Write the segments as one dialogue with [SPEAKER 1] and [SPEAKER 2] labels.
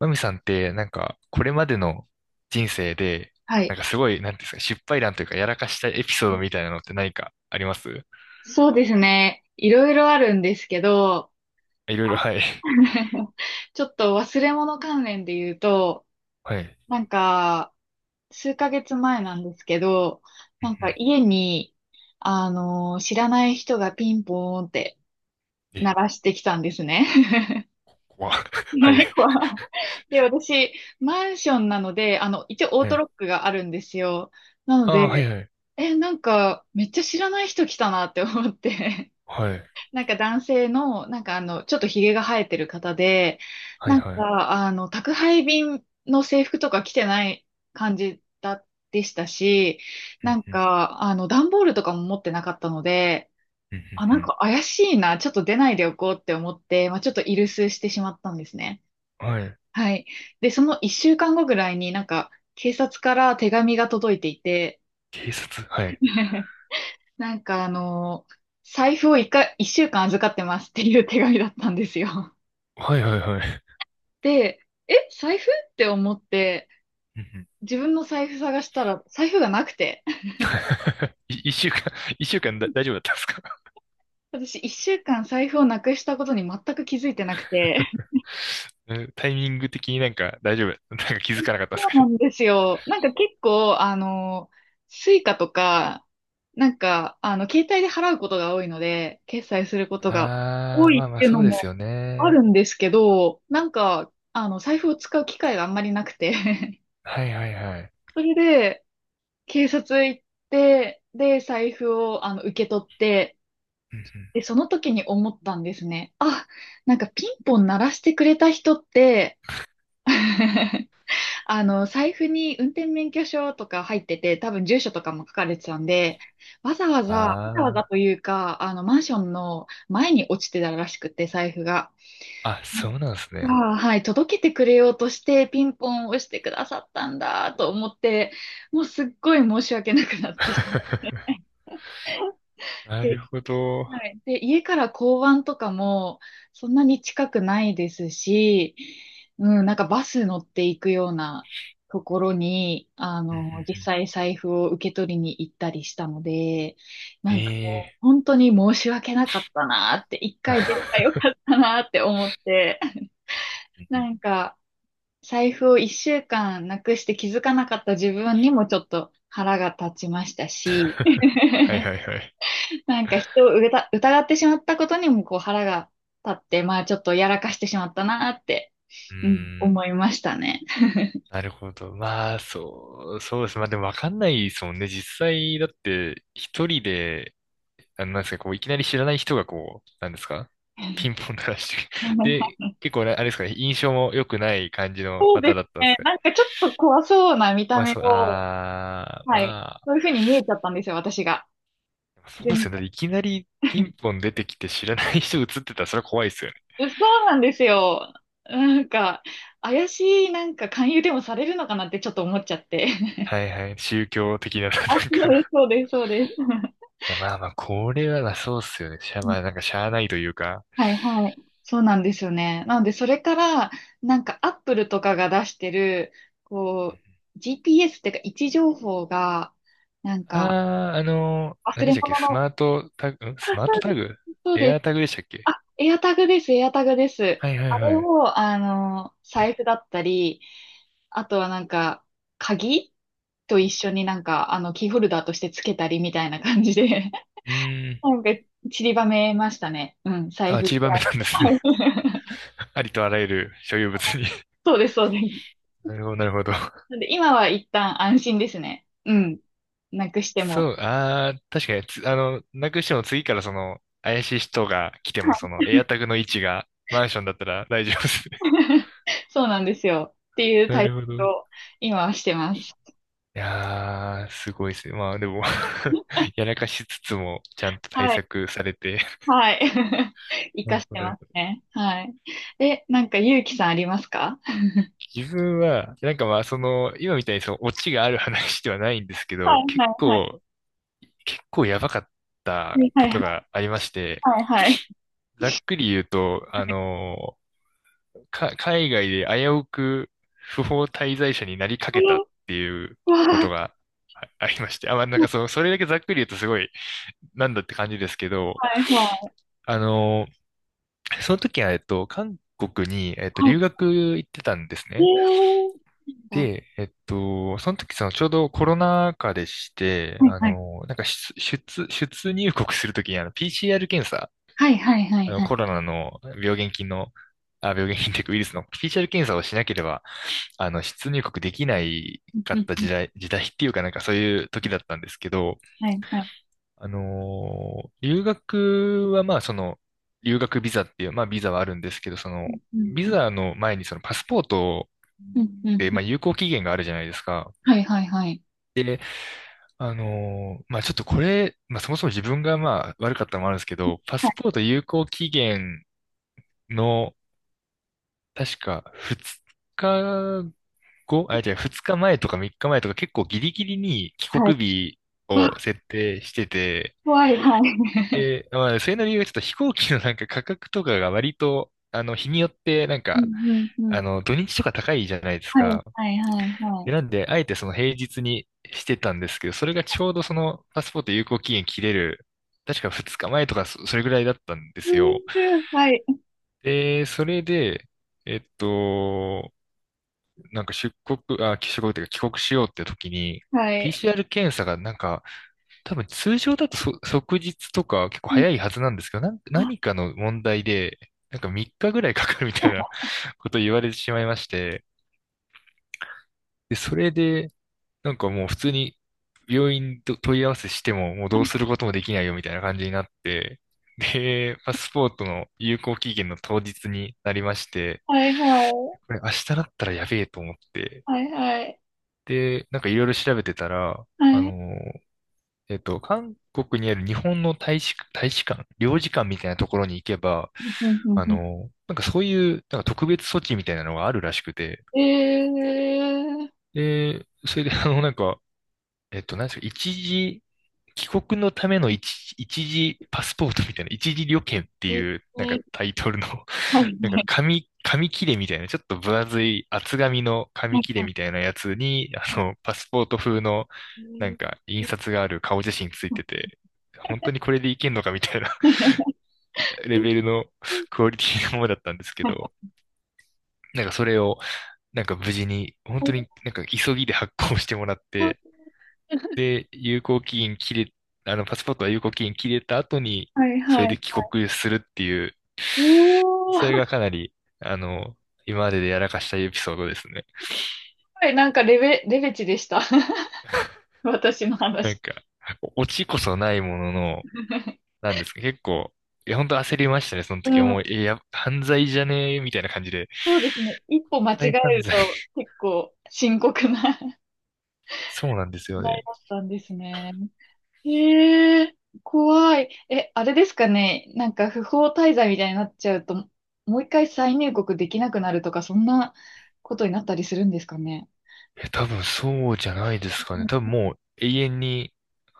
[SPEAKER 1] マミさんって、なんか、これまでの人生で、
[SPEAKER 2] は
[SPEAKER 1] な
[SPEAKER 2] い。
[SPEAKER 1] んかすごい、なんていうんですか、失敗談というか、やらかしたエピソードみたいなのって何かあります？
[SPEAKER 2] そうですね。いろいろあるんですけど、
[SPEAKER 1] いろいろ、はい。
[SPEAKER 2] ちょっと忘れ物関連で言うと、
[SPEAKER 1] はい。
[SPEAKER 2] なんか、数ヶ月前なんですけど、
[SPEAKER 1] うんう
[SPEAKER 2] 家に、知らない人がピンポーンって
[SPEAKER 1] ん。え、
[SPEAKER 2] 鳴らしてきたんですね。
[SPEAKER 1] 怖っ はい。
[SPEAKER 2] ね、怖い。で、私、マンションなので、一応オー
[SPEAKER 1] は
[SPEAKER 2] ト
[SPEAKER 1] い。
[SPEAKER 2] ロックがあるんですよ。なの
[SPEAKER 1] ああ、はい
[SPEAKER 2] で、
[SPEAKER 1] はい。
[SPEAKER 2] めっちゃ知らない人来たなって思って。
[SPEAKER 1] はい。
[SPEAKER 2] 男性の、ちょっとひげが生えてる方で、
[SPEAKER 1] はいはい。
[SPEAKER 2] 宅配便の制服とか着てない感じだ、でしたし、
[SPEAKER 1] うんうん。
[SPEAKER 2] 段ボールとかも持ってなかったので、
[SPEAKER 1] うん
[SPEAKER 2] あ、
[SPEAKER 1] うん
[SPEAKER 2] 怪しいな、ちょっと出ないでおこうって思って、まあ、ちょっとイルスしてしまったんですね。
[SPEAKER 1] うん。はい。
[SPEAKER 2] はい。で、その一週間後ぐらいに警察から手紙が届いていて、
[SPEAKER 1] 警察、はい。
[SPEAKER 2] なんかあの、財布を一週間預かってますっていう手紙だったんですよ。
[SPEAKER 1] はいはいはい。
[SPEAKER 2] で、財布って思って、
[SPEAKER 1] うんうん。
[SPEAKER 2] 自分の財布探したら、財布がなくて。
[SPEAKER 1] い一週間、一週間だ、大丈夫だったんですか？
[SPEAKER 2] 私、一週間財布をなくしたことに全く気づいてなくて。
[SPEAKER 1] うんタイミング的になんか大丈夫、なんか気づ かなかったです
[SPEAKER 2] そ
[SPEAKER 1] か
[SPEAKER 2] うな
[SPEAKER 1] ね。
[SPEAKER 2] んですよ。結構、スイカとか、携帯で払うことが多いので、決済することが
[SPEAKER 1] あ
[SPEAKER 2] 多
[SPEAKER 1] あ、
[SPEAKER 2] い
[SPEAKER 1] まあ
[SPEAKER 2] っ
[SPEAKER 1] まあ
[SPEAKER 2] ていう
[SPEAKER 1] そ
[SPEAKER 2] の
[SPEAKER 1] うです
[SPEAKER 2] も
[SPEAKER 1] よ
[SPEAKER 2] ある
[SPEAKER 1] ね。
[SPEAKER 2] んですけど、財布を使う機会があんまりなくて。
[SPEAKER 1] はいはいはい。
[SPEAKER 2] それで、警察行って、で、財布を、受け取って、
[SPEAKER 1] うんうん。
[SPEAKER 2] で、その時に思ったんですね。あ、ピンポン鳴らしてくれた人って、財布に運転免許証とか入ってて、多分住所とかも書かれてたんで、わざわざ、わざわざ
[SPEAKER 1] あ
[SPEAKER 2] というか、マンションの前に落ちてたらしくて、財布が。
[SPEAKER 1] あ、あ、
[SPEAKER 2] う
[SPEAKER 1] そ
[SPEAKER 2] ん。
[SPEAKER 1] うなんです
[SPEAKER 2] あ
[SPEAKER 1] ね。
[SPEAKER 2] あ、はい、届けてくれようとして、ピンポンを押してくださったんだと思って、もうすっごい申し訳なくなってしまっ
[SPEAKER 1] なる
[SPEAKER 2] て、
[SPEAKER 1] ほど。
[SPEAKER 2] はい。で、家から交番とかもそんなに近くないですし、うん、バス乗っていくようなところに、
[SPEAKER 1] うんうんう
[SPEAKER 2] 実
[SPEAKER 1] ん。
[SPEAKER 2] 際財布を受け取りに行ったりしたので、
[SPEAKER 1] え
[SPEAKER 2] もう
[SPEAKER 1] え。
[SPEAKER 2] 本当に申し訳なかったなって、一回出ればよ かったなって思って、
[SPEAKER 1] うんう
[SPEAKER 2] な
[SPEAKER 1] ん。
[SPEAKER 2] んか財布を一週間なくして気づかなかった自分にもちょっと腹が立ちましたし、
[SPEAKER 1] はい はいはい。
[SPEAKER 2] 人を疑ってしまったことにもこう腹が立って、まあちょっとやらかしてしまったなーって、
[SPEAKER 1] うー
[SPEAKER 2] うん、
[SPEAKER 1] ん、
[SPEAKER 2] 思いましたね。
[SPEAKER 1] なるほど。まあ、そう、そうです。まあでもわかんないですもんね。実際、だって、一人で、あの、なんですか、こう、いきなり知らない人がこう、なんですか、ピンポン鳴らして、で、結構ね、あれですかね、印象も良くない感じの
[SPEAKER 2] そうで
[SPEAKER 1] 方
[SPEAKER 2] す
[SPEAKER 1] だったんです
[SPEAKER 2] ね。
[SPEAKER 1] か？
[SPEAKER 2] ちょっと怖そうな見た
[SPEAKER 1] まあ、
[SPEAKER 2] 目
[SPEAKER 1] そう、
[SPEAKER 2] を、
[SPEAKER 1] ああ、
[SPEAKER 2] はい。
[SPEAKER 1] まあ、
[SPEAKER 2] そういうふうに見えちゃったんですよ、私が。
[SPEAKER 1] そうで
[SPEAKER 2] 全
[SPEAKER 1] すよ
[SPEAKER 2] 然。
[SPEAKER 1] ね。いきなりピン ポン出てきて知らない人映ってたらそれは怖いですよね。
[SPEAKER 2] そうなんですよ。なんか、怪しい、勧誘でもされるのかなってちょっと思っちゃって。
[SPEAKER 1] はいはい。宗教的な、な
[SPEAKER 2] あ、
[SPEAKER 1] ん
[SPEAKER 2] そう
[SPEAKER 1] か
[SPEAKER 2] です、
[SPEAKER 1] い
[SPEAKER 2] そうです、そうです。
[SPEAKER 1] や、まあまあ、これはな、そうっすよね。まあ、なんかしゃあないというか。
[SPEAKER 2] はいはい。そうなんですよね。なので、それから、アップルとかが出してる、こう、GPS っていうか、位置情報が、なん
[SPEAKER 1] あ
[SPEAKER 2] か、
[SPEAKER 1] あ、
[SPEAKER 2] 忘
[SPEAKER 1] 何で
[SPEAKER 2] れ
[SPEAKER 1] したっけ、
[SPEAKER 2] 物
[SPEAKER 1] ス
[SPEAKER 2] の、
[SPEAKER 1] マートタグ、
[SPEAKER 2] あ、
[SPEAKER 1] スマートタグ、
[SPEAKER 2] そう
[SPEAKER 1] エ
[SPEAKER 2] で
[SPEAKER 1] ア
[SPEAKER 2] す。
[SPEAKER 1] ータグでしたっけ？
[SPEAKER 2] あ、エアタグです、エアタグです。
[SPEAKER 1] はいはい
[SPEAKER 2] あれ
[SPEAKER 1] はい。
[SPEAKER 2] を、財布だったり、あとは鍵と一緒にキーホルダーとしてつけたりみたいな感じで、
[SPEAKER 1] うーん。
[SPEAKER 2] なんか、散りばめましたね。うん、財
[SPEAKER 1] あ、
[SPEAKER 2] 布。
[SPEAKER 1] 散りばめ
[SPEAKER 2] は
[SPEAKER 1] たんですね。
[SPEAKER 2] い。
[SPEAKER 1] ありとあらゆる所有物に。
[SPEAKER 2] そうです、そうです。
[SPEAKER 1] なるほど、なるほど。
[SPEAKER 2] なんで今は一旦安心ですね。うん。なくしても。
[SPEAKER 1] そう、ああ、確かにつ、あの、なくしても次からその、怪しい人が来ても、その、エアタグの位置がマンションだったら大丈夫ですね。
[SPEAKER 2] そうなんですよ。って いう
[SPEAKER 1] な
[SPEAKER 2] 対
[SPEAKER 1] るほど。
[SPEAKER 2] 策
[SPEAKER 1] い
[SPEAKER 2] を今はしてます。
[SPEAKER 1] やー、すごいですね。まあでも やらかしつつも、ちゃんと対
[SPEAKER 2] はい。
[SPEAKER 1] 策されて。
[SPEAKER 2] はい。活
[SPEAKER 1] な
[SPEAKER 2] か
[SPEAKER 1] る
[SPEAKER 2] し
[SPEAKER 1] ほ
[SPEAKER 2] て
[SPEAKER 1] ど、な
[SPEAKER 2] ま
[SPEAKER 1] る
[SPEAKER 2] す
[SPEAKER 1] ほど。
[SPEAKER 2] ね。はい。ゆうきさん、ありますか？
[SPEAKER 1] 自分は、なんかまあ、その、今みたいにその、オチがある話ではないんですけ
[SPEAKER 2] はい
[SPEAKER 1] ど、
[SPEAKER 2] は
[SPEAKER 1] 結
[SPEAKER 2] いはい。
[SPEAKER 1] 構、結構やばかった
[SPEAKER 2] は
[SPEAKER 1] こ
[SPEAKER 2] い
[SPEAKER 1] とがありまして、
[SPEAKER 2] はいはいはい。
[SPEAKER 1] ざっくり言うと、あのか、海外で危うく不法滞在者になりかけたっ
[SPEAKER 2] え
[SPEAKER 1] ていう
[SPEAKER 2] ー。
[SPEAKER 1] こと
[SPEAKER 2] わ
[SPEAKER 1] がありまして。あ、まあ、なん
[SPEAKER 2] あ。
[SPEAKER 1] かその、それだけざっくり言うとすごい、なんだって感じですけど、
[SPEAKER 2] はいは
[SPEAKER 1] あの、その時は、韓国に、
[SPEAKER 2] いはい。
[SPEAKER 1] 留学行ってたんです
[SPEAKER 2] え
[SPEAKER 1] ね。
[SPEAKER 2] ー。あ、
[SPEAKER 1] で、その時、その、ちょうどコロナ禍でして、
[SPEAKER 2] はいはい
[SPEAKER 1] なんか出入国するときに、PCR 検査、
[SPEAKER 2] はいはいはいはい。
[SPEAKER 1] コロナの病原菌の、あ、病原菌っていうかウイルスの PCR 検査をしなければ、出入国できない
[SPEAKER 2] うん
[SPEAKER 1] か
[SPEAKER 2] う
[SPEAKER 1] っ
[SPEAKER 2] ん
[SPEAKER 1] た
[SPEAKER 2] うん。
[SPEAKER 1] 時代、時代っていうかなんかそういう時だったんですけど、
[SPEAKER 2] はいはい。
[SPEAKER 1] 留学はまあその、留学ビザっていう、まあビザはあるんですけど、その、
[SPEAKER 2] う
[SPEAKER 1] ビ
[SPEAKER 2] ん
[SPEAKER 1] ザの前にそのパスポート
[SPEAKER 2] うんうんうん
[SPEAKER 1] で、
[SPEAKER 2] う
[SPEAKER 1] まあ
[SPEAKER 2] ん。
[SPEAKER 1] 有効期限があるじゃないですか。
[SPEAKER 2] はいはいはい。
[SPEAKER 1] で、まあちょっとこれ、まあそもそも自分がまあ悪かったのもあるんですけど、パ
[SPEAKER 2] は
[SPEAKER 1] ス
[SPEAKER 2] い
[SPEAKER 1] ポート有効期限の、確か2日じゃあ2日前とか3日前とか結構ギリギリに帰
[SPEAKER 2] はい。
[SPEAKER 1] 国日
[SPEAKER 2] わ、
[SPEAKER 1] を設定してて、
[SPEAKER 2] 怖い。はい。
[SPEAKER 1] で、まあ、それの理由はちょっと飛行機のなんか価格とかが割と、日によってなん
[SPEAKER 2] う
[SPEAKER 1] か、
[SPEAKER 2] んうんうん。
[SPEAKER 1] 土日とか高いじゃないです
[SPEAKER 2] はい
[SPEAKER 1] か。
[SPEAKER 2] はいはいはい。
[SPEAKER 1] で、なんで、あえてその平日にしてたんですけど、それがちょうどそのパスポート有効期限切れる、確か2日前とかそれぐらいだったんで
[SPEAKER 2] う
[SPEAKER 1] す
[SPEAKER 2] んう
[SPEAKER 1] よ。
[SPEAKER 2] ん。はい。
[SPEAKER 1] で、それで、えっと、なんか出国、あ、帰国というか帰国しようって時に、
[SPEAKER 2] はい。
[SPEAKER 1] PCR 検査がなんか、多分通常だと即日とか結構
[SPEAKER 2] うん。
[SPEAKER 1] 早いはずなんですけど、何かの問題で、なんか3日ぐらいかかるみたいな ことを言われてしまいまして、で、それで、なんかもう普通に病院と問い合わせしても、もうどうすることもできないよみたいな感じになって、で、パスポートの有効期限の当日になりまして、
[SPEAKER 2] はいはい。
[SPEAKER 1] これ明日だったらやべえと思って、
[SPEAKER 2] はいはい。
[SPEAKER 1] で、なんかいろいろ調べてたら、あ
[SPEAKER 2] はい。
[SPEAKER 1] の、韓国にある日本の大使、大使館、領事館みたいなところに行けば、
[SPEAKER 2] うんうんう
[SPEAKER 1] なんかそういう、なんか特別措置みたいなのがあるらしくて、
[SPEAKER 2] ん。えー。
[SPEAKER 1] で、それでなんか、なんですか、一時、帰国のための一時パスポートみたいな、一時旅券って
[SPEAKER 2] え
[SPEAKER 1] いう、なんか
[SPEAKER 2] え。
[SPEAKER 1] タイトルの
[SPEAKER 2] はい
[SPEAKER 1] なんか
[SPEAKER 2] はい
[SPEAKER 1] 紙切れみたいな、ちょっと分厚い厚紙の紙
[SPEAKER 2] はい
[SPEAKER 1] 切れ
[SPEAKER 2] は
[SPEAKER 1] みたいなやつに、パスポート風の、
[SPEAKER 2] い。え
[SPEAKER 1] なん
[SPEAKER 2] ー。
[SPEAKER 1] か、印刷がある顔写真ついてて、本当にこれでいけんのかみたいな レベルのクオリティのものだったんですけど、なんかそれを、なんか無事に、本当になんか急ぎで発行してもらって、で、有効期限切れ、パスポートは有効期限切れた後に、
[SPEAKER 2] はい
[SPEAKER 1] そ
[SPEAKER 2] は
[SPEAKER 1] れで
[SPEAKER 2] い。
[SPEAKER 1] 帰国するっていう、
[SPEAKER 2] お
[SPEAKER 1] それ
[SPEAKER 2] ー。
[SPEAKER 1] がかなり、あの、今まででやらかしたエピソードですね。
[SPEAKER 2] はい、レベチでした。私の
[SPEAKER 1] なん
[SPEAKER 2] 話。
[SPEAKER 1] か、オチこそないものの、なんですか、結構、いや、本当焦りましたね、その
[SPEAKER 2] う
[SPEAKER 1] 時は。
[SPEAKER 2] ん、
[SPEAKER 1] もう、え、や、犯罪じゃねえ、みたいな感じで。
[SPEAKER 2] そうですね。一歩間違え
[SPEAKER 1] 再犯
[SPEAKER 2] る
[SPEAKER 1] 罪。
[SPEAKER 2] と 結構深刻な。
[SPEAKER 1] そうなんですよ
[SPEAKER 2] 題
[SPEAKER 1] ね。
[SPEAKER 2] だったんですね。へえ、怖い。え、あれですかね。不法滞在みたいになっちゃうと、もう一回再入国できなくなるとか、そんなことになったりするんですかね。
[SPEAKER 1] え、多分そうじゃないですかね。多分もう永遠に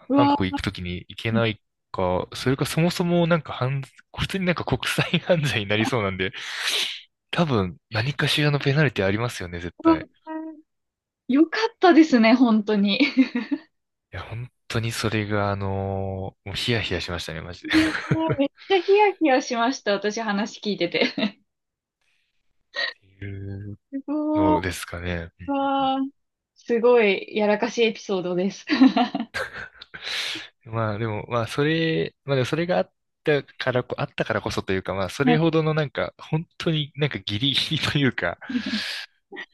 [SPEAKER 2] う
[SPEAKER 1] 韓
[SPEAKER 2] わ、
[SPEAKER 1] 国行くときに行け
[SPEAKER 2] う
[SPEAKER 1] ないか、それかそもそもなんか普通になんか国際犯罪になりそうなんで、多分何かしらのペナルティありますよね、絶
[SPEAKER 2] わ、
[SPEAKER 1] 対。
[SPEAKER 2] よかったですね、本当に。
[SPEAKER 1] いや、本当にそれがもうヒヤヒヤしましたね、マジで。っ
[SPEAKER 2] いやー、めっちゃヒヤヒヤしました、私話聞いてて。
[SPEAKER 1] ていう
[SPEAKER 2] すごい、
[SPEAKER 1] のですかね。う
[SPEAKER 2] う
[SPEAKER 1] んうん
[SPEAKER 2] わー、すごいやらかしいエピソードです。
[SPEAKER 1] うん。まあでも、まあそれ、まあでもそれがあったからこそというか、まあそ
[SPEAKER 2] は
[SPEAKER 1] れ
[SPEAKER 2] い。
[SPEAKER 1] ほどのなんか、本当になんかギリギリというか、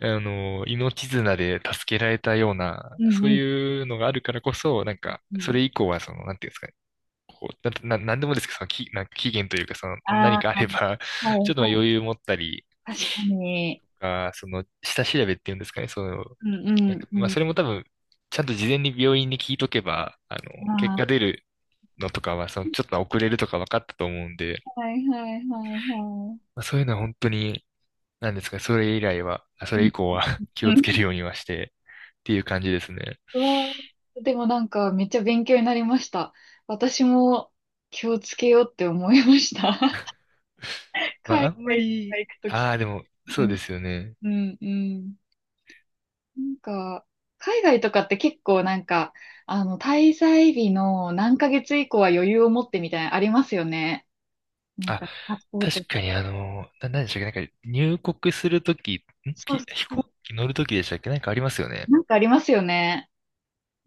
[SPEAKER 1] 命綱で助けられたような、
[SPEAKER 2] うん
[SPEAKER 1] そう
[SPEAKER 2] うん
[SPEAKER 1] いうのがあるからこそ、なん
[SPEAKER 2] う
[SPEAKER 1] か、そ
[SPEAKER 2] ん。
[SPEAKER 1] れ以降は、その、なんていうんですかね、こう、なんでもですけど、その、なんか期限というか、その、
[SPEAKER 2] あ
[SPEAKER 1] 何かあれば、
[SPEAKER 2] あ、は
[SPEAKER 1] ちょっとまあ
[SPEAKER 2] い。
[SPEAKER 1] 余裕持ったり
[SPEAKER 2] 確かに。
[SPEAKER 1] とか、その、下調べっていうんですかね、その、
[SPEAKER 2] うん
[SPEAKER 1] なんか、
[SPEAKER 2] う
[SPEAKER 1] ま
[SPEAKER 2] ん
[SPEAKER 1] あ、
[SPEAKER 2] うん。
[SPEAKER 1] それも多分、ちゃんと事前に病院に聞いとけば、結果
[SPEAKER 2] あ
[SPEAKER 1] 出るのとかは、その、ちょっと遅れるとか分かったと思うんで、
[SPEAKER 2] あ、はいはいはいは
[SPEAKER 1] まあ、そういうのは本当に、なんですかね、それ以来は、
[SPEAKER 2] い。
[SPEAKER 1] そ
[SPEAKER 2] う
[SPEAKER 1] れ
[SPEAKER 2] ん
[SPEAKER 1] 以降は 気
[SPEAKER 2] う
[SPEAKER 1] をつけ
[SPEAKER 2] ん。
[SPEAKER 1] るようにはして、っていう感じですね。
[SPEAKER 2] うわー、でもめっちゃ勉強になりました。私も気をつけようって思いました。
[SPEAKER 1] まあ、あ
[SPEAKER 2] 海
[SPEAKER 1] んま
[SPEAKER 2] 外とか
[SPEAKER 1] り、
[SPEAKER 2] 行くとき
[SPEAKER 1] ああ、でも、
[SPEAKER 2] に。う
[SPEAKER 1] そう
[SPEAKER 2] ん、
[SPEAKER 1] ですよね。
[SPEAKER 2] うん、うん。なんか、海外とかって結構滞在日の何ヶ月以降は
[SPEAKER 1] うん。
[SPEAKER 2] 余裕を持ってみたいなのありますよね。
[SPEAKER 1] あ、
[SPEAKER 2] パスポート。
[SPEAKER 1] 確かに、何でしたっけ、なんか入国するとき、
[SPEAKER 2] そうそ
[SPEAKER 1] 飛
[SPEAKER 2] う。
[SPEAKER 1] 行機乗るときでしたっけ、なんかありますよね。
[SPEAKER 2] なんかありますよね。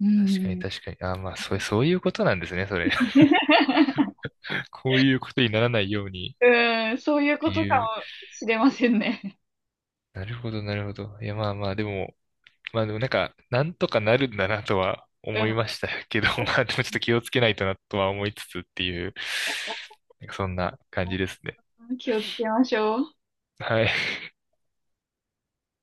[SPEAKER 2] う
[SPEAKER 1] 確かに
[SPEAKER 2] ん。
[SPEAKER 1] 確かに。ああまあ、そういうことなんですね、それ。こういうことにならないようにっ
[SPEAKER 2] うん、そういう
[SPEAKER 1] て
[SPEAKER 2] ことか
[SPEAKER 1] いう。
[SPEAKER 2] もしれませんね。
[SPEAKER 1] なるほど、なるほど。いや、まあまあ、でも、まあでもなんか、なんとかなるんだなとは
[SPEAKER 2] う
[SPEAKER 1] 思
[SPEAKER 2] ん。
[SPEAKER 1] いましたけど、まあでもちょっと気をつけないとなとは思いつつっていう、なんかそんな感じですね。
[SPEAKER 2] 気をつけましょう。
[SPEAKER 1] はい。